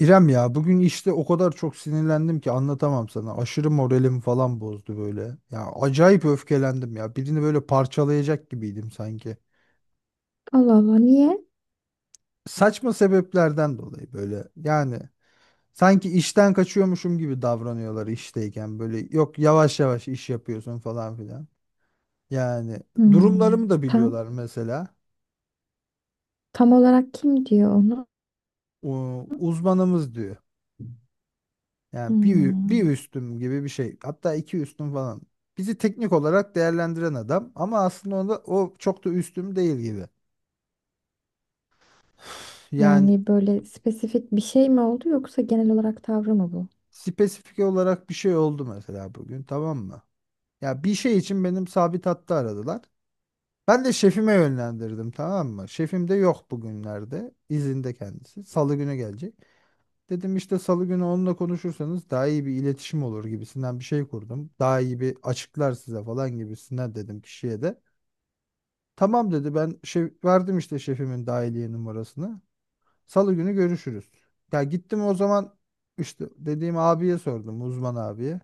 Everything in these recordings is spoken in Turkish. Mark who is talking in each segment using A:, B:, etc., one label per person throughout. A: İrem ya bugün işte o kadar çok sinirlendim ki anlatamam sana. Aşırı moralim falan bozdu böyle. Ya acayip öfkelendim ya. Birini böyle parçalayacak gibiydim sanki.
B: Allah Allah niye?
A: Saçma sebeplerden dolayı böyle. Yani sanki işten kaçıyormuşum gibi davranıyorlar işteyken böyle. Yok yavaş yavaş iş yapıyorsun falan filan. Yani
B: Hmm,
A: durumlarımı da
B: Tam
A: biliyorlar mesela.
B: tam olarak kim diyor onu?
A: O, uzmanımız diyor. Yani bir
B: Hmm,
A: üstüm gibi bir şey. Hatta iki üstüm falan. Bizi teknik olarak değerlendiren adam ama aslında onda o çok da üstüm değil gibi. Yani
B: Yani böyle spesifik bir şey mi oldu yoksa genel olarak tavrı mı bu?
A: spesifik olarak bir şey oldu mesela bugün, tamam mı? Ya bir şey için benim sabit hattı aradılar. Ben de şefime yönlendirdim, tamam mı? Şefim de yok bugünlerde. İzinde kendisi. Salı günü gelecek. Dedim işte salı günü onunla konuşursanız daha iyi bir iletişim olur gibisinden bir şey kurdum. Daha iyi bir açıklar size falan gibisinden dedim kişiye de. Tamam dedi, ben şef verdim işte şefimin dahiliye numarasını. Salı günü görüşürüz. Ya gittim o zaman işte dediğim abiye sordum, uzman abiye.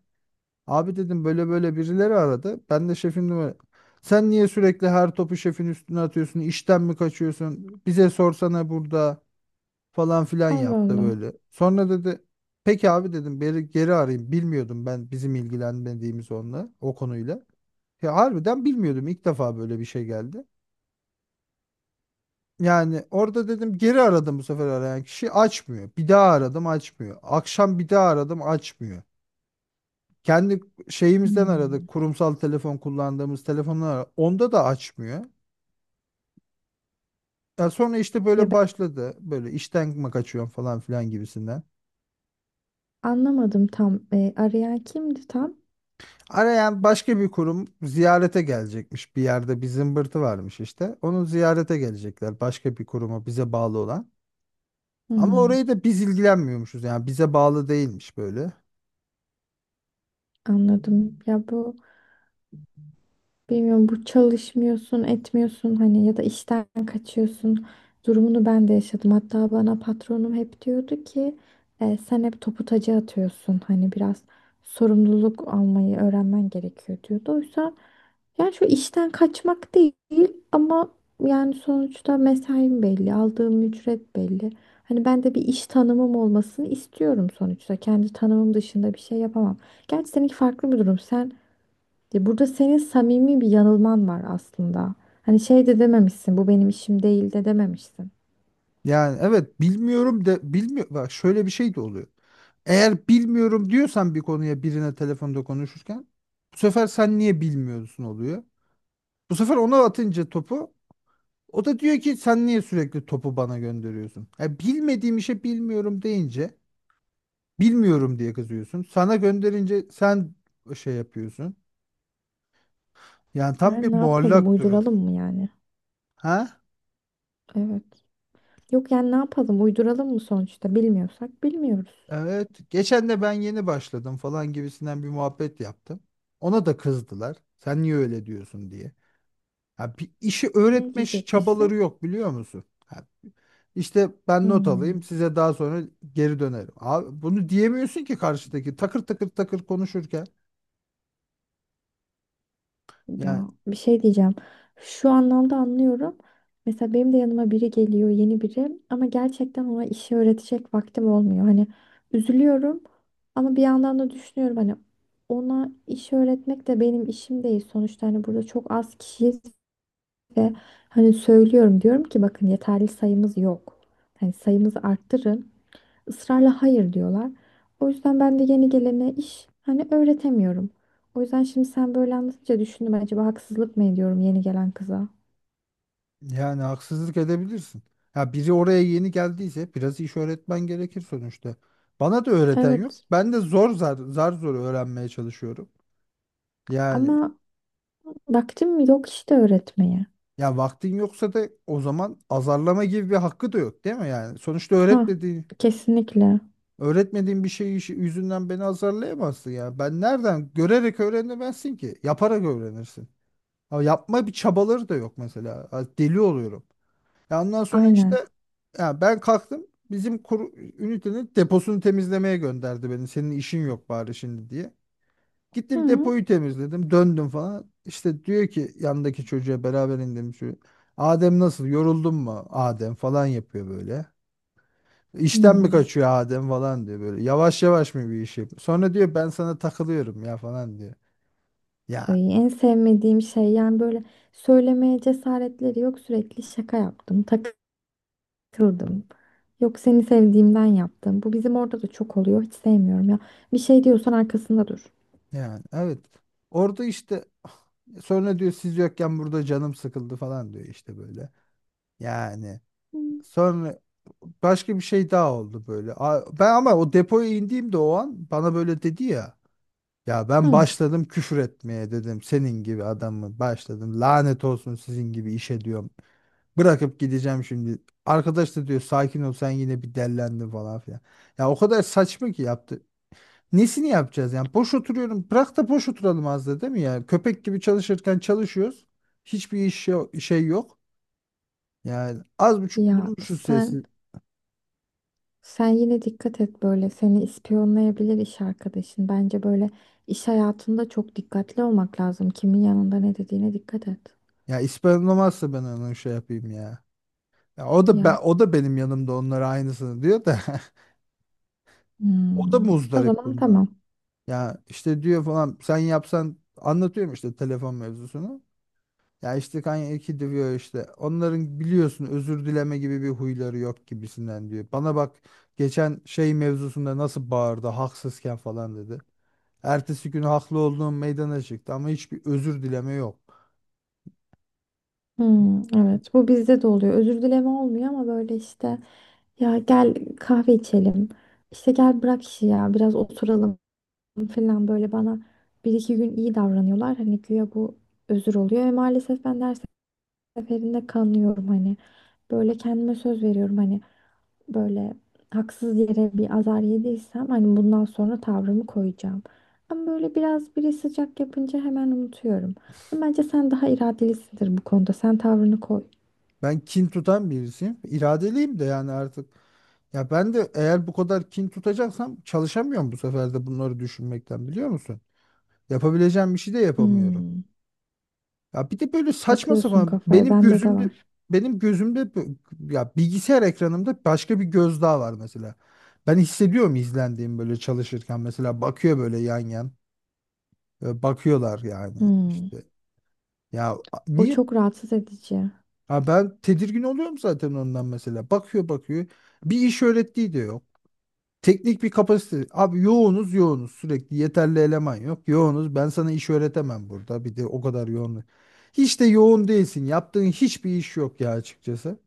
A: Abi dedim, böyle böyle birileri aradı. Ben de şefin numara. Sen niye sürekli her topu şefin üstüne atıyorsun? İşten mi kaçıyorsun? Bize sorsana burada, falan filan
B: Allah
A: yaptı
B: Allah.
A: böyle. Sonra dedi peki abi, dedim geri arayayım. Bilmiyordum ben, bizim ilgilenmediğimiz onunla, o konuyla. Ya harbiden bilmiyordum, ilk defa böyle bir şey geldi. Yani orada dedim geri aradım, bu sefer arayan kişi açmıyor. Bir daha aradım, açmıyor. Akşam bir daha aradım, açmıyor. Kendi şeyimizden
B: Hmm.
A: aradık. Kurumsal telefon kullandığımız telefonlar aradık. Onda da açmıyor. Ya sonra işte
B: Ya
A: böyle
B: ben
A: başladı. Böyle işten mi kaçıyorum falan filan gibisinden.
B: anlamadım tam. E, arayan kimdi tam?
A: Arayan başka bir kurum, ziyarete gelecekmiş. Bir yerde bir zımbırtı varmış işte. Onun ziyarete gelecekler. Başka bir kuruma bize bağlı olan. Ama
B: Hmm,
A: orayı da biz ilgilenmiyormuşuz. Yani bize bağlı değilmiş böyle.
B: Anladım. Ya bu Bilmiyorum, bu çalışmıyorsun, etmiyorsun, hani ya da işten kaçıyorsun durumunu ben de yaşadım. Hatta bana patronum hep diyordu ki "E, sen hep topu taca atıyorsun. Hani biraz sorumluluk almayı öğrenmen gerekiyor," diyordu. Oysa yani şu işten kaçmak değil ama yani sonuçta mesaim belli, aldığım ücret belli. Hani ben de bir iş tanımım olmasını istiyorum sonuçta. Kendi tanımım dışında bir şey yapamam. Gerçi seninki farklı bir durum. Sen, ya burada senin samimi bir yanılman var aslında. Hani şey de dememişsin, bu benim işim değil de dememişsin.
A: Yani evet bilmiyorum de, bilmiyor. Bak şöyle bir şey de oluyor. Eğer bilmiyorum diyorsan bir konuya, birine telefonda konuşurken, bu sefer sen niye bilmiyorsun oluyor. Bu sefer ona atınca topu, o da diyor ki sen niye sürekli topu bana gönderiyorsun? Ya bilmediğim işe bilmiyorum deyince, bilmiyorum diye kızıyorsun. Sana gönderince sen şey yapıyorsun. Yani tam bir
B: Yani ne yapalım,
A: muallak durum.
B: uyduralım mı yani?
A: Ha?
B: Evet. Yok yani ne yapalım, uyduralım mı sonuçta? Bilmiyorsak bilmiyoruz.
A: Evet, geçen de ben yeni başladım falan gibisinden bir muhabbet yaptım. Ona da kızdılar. Sen niye öyle diyorsun diye. Ha, bir işi
B: Ne
A: öğretme çabaları
B: diyecekmişsin?
A: yok, biliyor musun? Ha, işte ben not alayım,
B: Hmm.
A: size daha sonra geri dönerim. Abi bunu diyemiyorsun ki karşıdaki takır takır takır konuşurken. Yani,
B: Ya bir şey diyeceğim. Şu anlamda anlıyorum. Mesela benim de yanıma biri geliyor, yeni biri ama gerçekten ona işi öğretecek vaktim olmuyor. Hani üzülüyorum ama bir yandan da düşünüyorum hani ona iş öğretmek de benim işim değil sonuçta, hani burada çok az kişiyiz ve hani söylüyorum, diyorum ki bakın yeterli sayımız yok. Hani sayımızı arttırın, ısrarla hayır diyorlar. O yüzden ben de yeni gelene iş hani öğretemiyorum. O yüzden şimdi sen böyle anlatınca düşündüm, acaba haksızlık mı ediyorum yeni gelen kıza?
A: yani, haksızlık edebilirsin. Ya biri oraya yeni geldiyse biraz iş öğretmen gerekir sonuçta. Bana da öğreten yok.
B: Evet
A: Ben de zar zor öğrenmeye çalışıyorum. Yani.
B: ama vaktim yok işte öğretmeye.
A: Ya vaktin yoksa da o zaman azarlama gibi bir hakkı da yok, değil mi yani? Sonuçta
B: Ha,
A: öğretmediğin,
B: kesinlikle,
A: öğretmediğin bir şey yüzünden beni azarlayamazsın ya. Ben nereden görerek öğrenemezsin ki? Yaparak öğrenirsin. Ama yapma bir çabaları da yok mesela. Ha, deli oluyorum. Ya ondan sonra
B: aynen.
A: işte, ya ben kalktım bizim ünitenin deposunu temizlemeye gönderdi beni. Senin işin yok bari şimdi diye. Gittim
B: Hı.
A: depoyu temizledim. Döndüm falan. İşte diyor ki yandaki çocuğa, beraber indiğim çocuğa. Adem nasıl? Yoruldun mu? Adem falan yapıyor böyle. İşten mi
B: Hmm.
A: kaçıyor Adem falan diyor böyle. Yavaş yavaş mı bir iş yapıyor? Sonra diyor ben sana takılıyorum ya falan diyor. Ya
B: Ay, en sevmediğim şey yani böyle, söylemeye cesaretleri yok, sürekli şaka yaptım, takıldım. Yok, seni sevdiğimden yaptım. Bu bizim orada da çok oluyor. Hiç sevmiyorum ya. Bir şey diyorsan arkasında dur.
A: yani evet. Orada işte, sonra diyor siz yokken burada canım sıkıldı falan diyor işte böyle. Yani
B: Hı.
A: sonra başka bir şey daha oldu böyle. Ben ama o depoya indiğimde o an bana böyle dedi ya. Ya ben
B: Hı.
A: başladım küfür etmeye, dedim senin gibi adamı başladım. Lanet olsun sizin gibi işe, diyorum. Bırakıp gideceğim şimdi. Arkadaş da diyor sakin ol, sen yine bir dellendin falan filan. Ya o kadar saçma ki yaptı. Nesini yapacağız yani? Boş oturuyorum. Bırak da boş oturalım az da, değil mi ya? Köpek gibi çalışırken çalışıyoruz. Hiçbir iş şey yok. Yani az buçuk
B: Ya
A: bulmuşuz sesi.
B: sen yine dikkat et, böyle seni ispiyonlayabilir iş arkadaşın. Bence böyle iş hayatında çok dikkatli olmak lazım. Kimin yanında ne dediğine dikkat et.
A: Ya ispanlamazsa ben onun şey yapayım ya. Ya o da
B: Ya,
A: o da benim yanımda onlara aynısını diyor da o da
B: hmm. O
A: muzdarip
B: zaman
A: bundan.
B: tamam.
A: Ya işte diyor falan sen yapsan, anlatıyorum işte telefon mevzusunu. Ya işte Kanye diyor, işte onların biliyorsun özür dileme gibi bir huyları yok gibisinden diyor. Bana bak, geçen şey mevzusunda nasıl bağırdı haksızken falan dedi. Ertesi gün haklı olduğum meydana çıktı ama hiçbir özür dileme yok.
B: Hmm, evet, bu bizde de oluyor. Özür dileme olmuyor ama böyle işte, ya gel kahve içelim. İşte gel bırak işi ya, biraz oturalım falan, böyle bana bir iki gün iyi davranıyorlar. Hani güya bu özür oluyor ve maalesef ben ders seferinde kanıyorum hani. Böyle kendime söz veriyorum hani, böyle haksız yere bir azar yediysem hani bundan sonra tavrımı koyacağım. Ama böyle biraz biri sıcak yapınca hemen unutuyorum. Ama bence sen daha iradelisindir bu konuda. Sen tavrını koy.
A: Ben kin tutan birisiyim. İradeliyim de yani artık. Ya ben de eğer bu kadar kin tutacaksam çalışamıyorum bu sefer de, bunları düşünmekten, biliyor musun? Yapabileceğim bir şey de yapamıyorum.
B: Hmm,
A: Ya bir de böyle saçma
B: takıyorsun
A: sapan
B: kafaya.
A: benim
B: Bende de
A: gözümde
B: var.
A: benim gözümde ya bilgisayar ekranımda başka bir göz daha var mesela. Ben hissediyorum izlendiğim böyle çalışırken, mesela bakıyor böyle yan yan. Böyle bakıyorlar yani
B: Hmm,
A: işte. Ya
B: o
A: niye?
B: çok rahatsız edici.
A: Ha, ben tedirgin oluyorum zaten ondan mesela. Bakıyor bakıyor. Bir iş öğrettiği de yok. Teknik bir kapasite. Abi yoğunuz yoğunuz. Sürekli yeterli eleman yok. Yoğunuz. Ben sana iş öğretemem burada. Bir de o kadar yoğun. Hiç de yoğun değilsin. Yaptığın hiçbir iş yok ya açıkçası.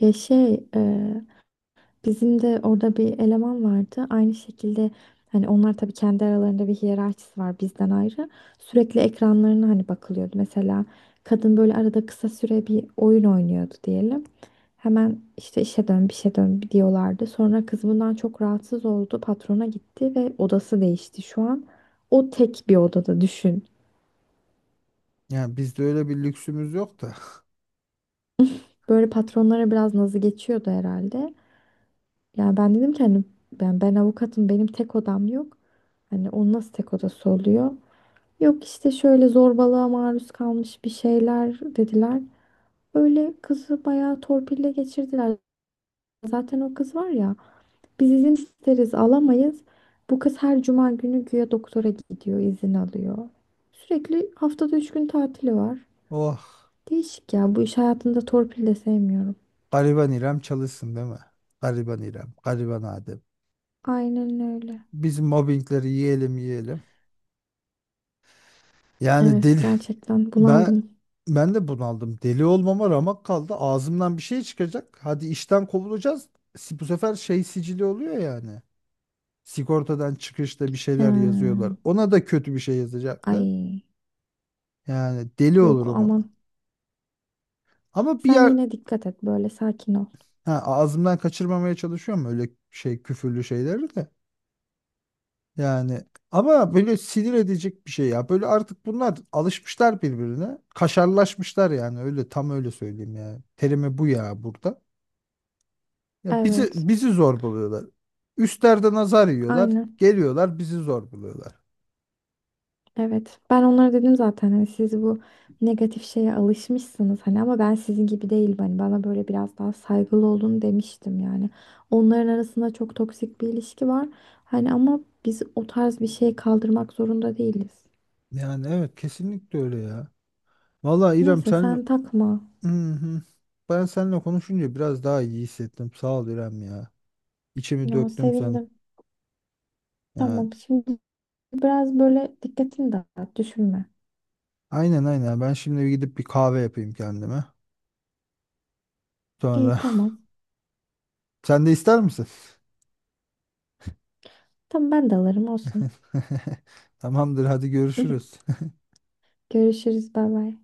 B: Ya şey, e, Bizim de orada bir eleman vardı. Aynı şekilde hani onlar tabii kendi aralarında bir hiyerarşisi var bizden ayrı. Sürekli ekranlarına hani bakılıyordu. Mesela kadın böyle arada kısa süre bir oyun oynuyordu diyelim. Hemen işte işe dön, bir şey dön diyorlardı. Sonra kız bundan çok rahatsız oldu. Patrona gitti ve odası değişti şu an. O tek bir odada, düşün.
A: Yani bizde öyle bir lüksümüz yok da.
B: Böyle patronlara biraz nazı geçiyordu herhalde. Yani ben dedim ki hani ben avukatım, benim tek odam yok. Hani onun nasıl tek odası oluyor? Yok, işte şöyle zorbalığa maruz kalmış bir şeyler dediler. Öyle kızı bayağı torpille geçirdiler. Zaten o kız var ya, biz izin isteriz alamayız. Bu kız her cuma günü güya doktora gidiyor, izin alıyor. Sürekli haftada 3 gün tatili var.
A: Oh.
B: Değişik ya, bu iş hayatında torpil de sevmiyorum.
A: Gariban İrem çalışsın, değil mi? Gariban İrem. Gariban Adem.
B: Aynen öyle.
A: Biz mobbingleri yiyelim yiyelim. Yani deli.
B: Evet, gerçekten
A: Ben
B: bunaldım.
A: ben de bunaldım. Deli olmama ramak kaldı. Ağzımdan bir şey çıkacak. Hadi işten kovulacağız. Bu sefer şey sicili oluyor yani. Sigortadan çıkışta bir şeyler
B: He.
A: yazıyorlar. Ona da kötü bir şey yazacaklar.
B: Ay.
A: Yani deli
B: Yok
A: olurum
B: aman.
A: ona. Ama bir
B: Sen
A: yer,
B: yine dikkat et, böyle sakin ol.
A: ha, ağzımdan kaçırmamaya çalışıyorum öyle şey küfürlü şeyleri de. Yani ama böyle sinir edecek bir şey ya. Böyle artık bunlar alışmışlar birbirine. Kaşarlaşmışlar yani, öyle tam öyle söyleyeyim yani. Terimi bu ya burada. Ya bizi
B: Evet.
A: bizi zor buluyorlar. Üstlerde nazar yiyorlar.
B: Aynen.
A: Geliyorlar bizi zor buluyorlar.
B: Evet. Ben onlara dedim zaten hani siz bu negatif şeye alışmışsınız hani, ama ben sizin gibi değilim, hani bana böyle biraz daha saygılı olun demiştim yani. Onların arasında çok toksik bir ilişki var. Hani ama biz o tarz bir şey kaldırmak zorunda değiliz.
A: Yani evet, kesinlikle öyle ya. Vallahi İrem,
B: Neyse, sen takma.
A: ben seninle konuşunca biraz daha iyi hissettim. Sağ ol İrem ya. İçimi
B: Ya,
A: döktüm sana.
B: sevindim.
A: Yani
B: Tamam, şimdi biraz böyle dikkatini dağıt, düşünme.
A: aynen aynen. Ben şimdi bir gidip bir kahve yapayım kendime.
B: İyi,
A: Sonra
B: tamam.
A: sen de ister misin?
B: Tamam, ben de alırım, olsun.
A: Tamamdır, hadi görüşürüz.
B: Görüşürüz. Bay bay.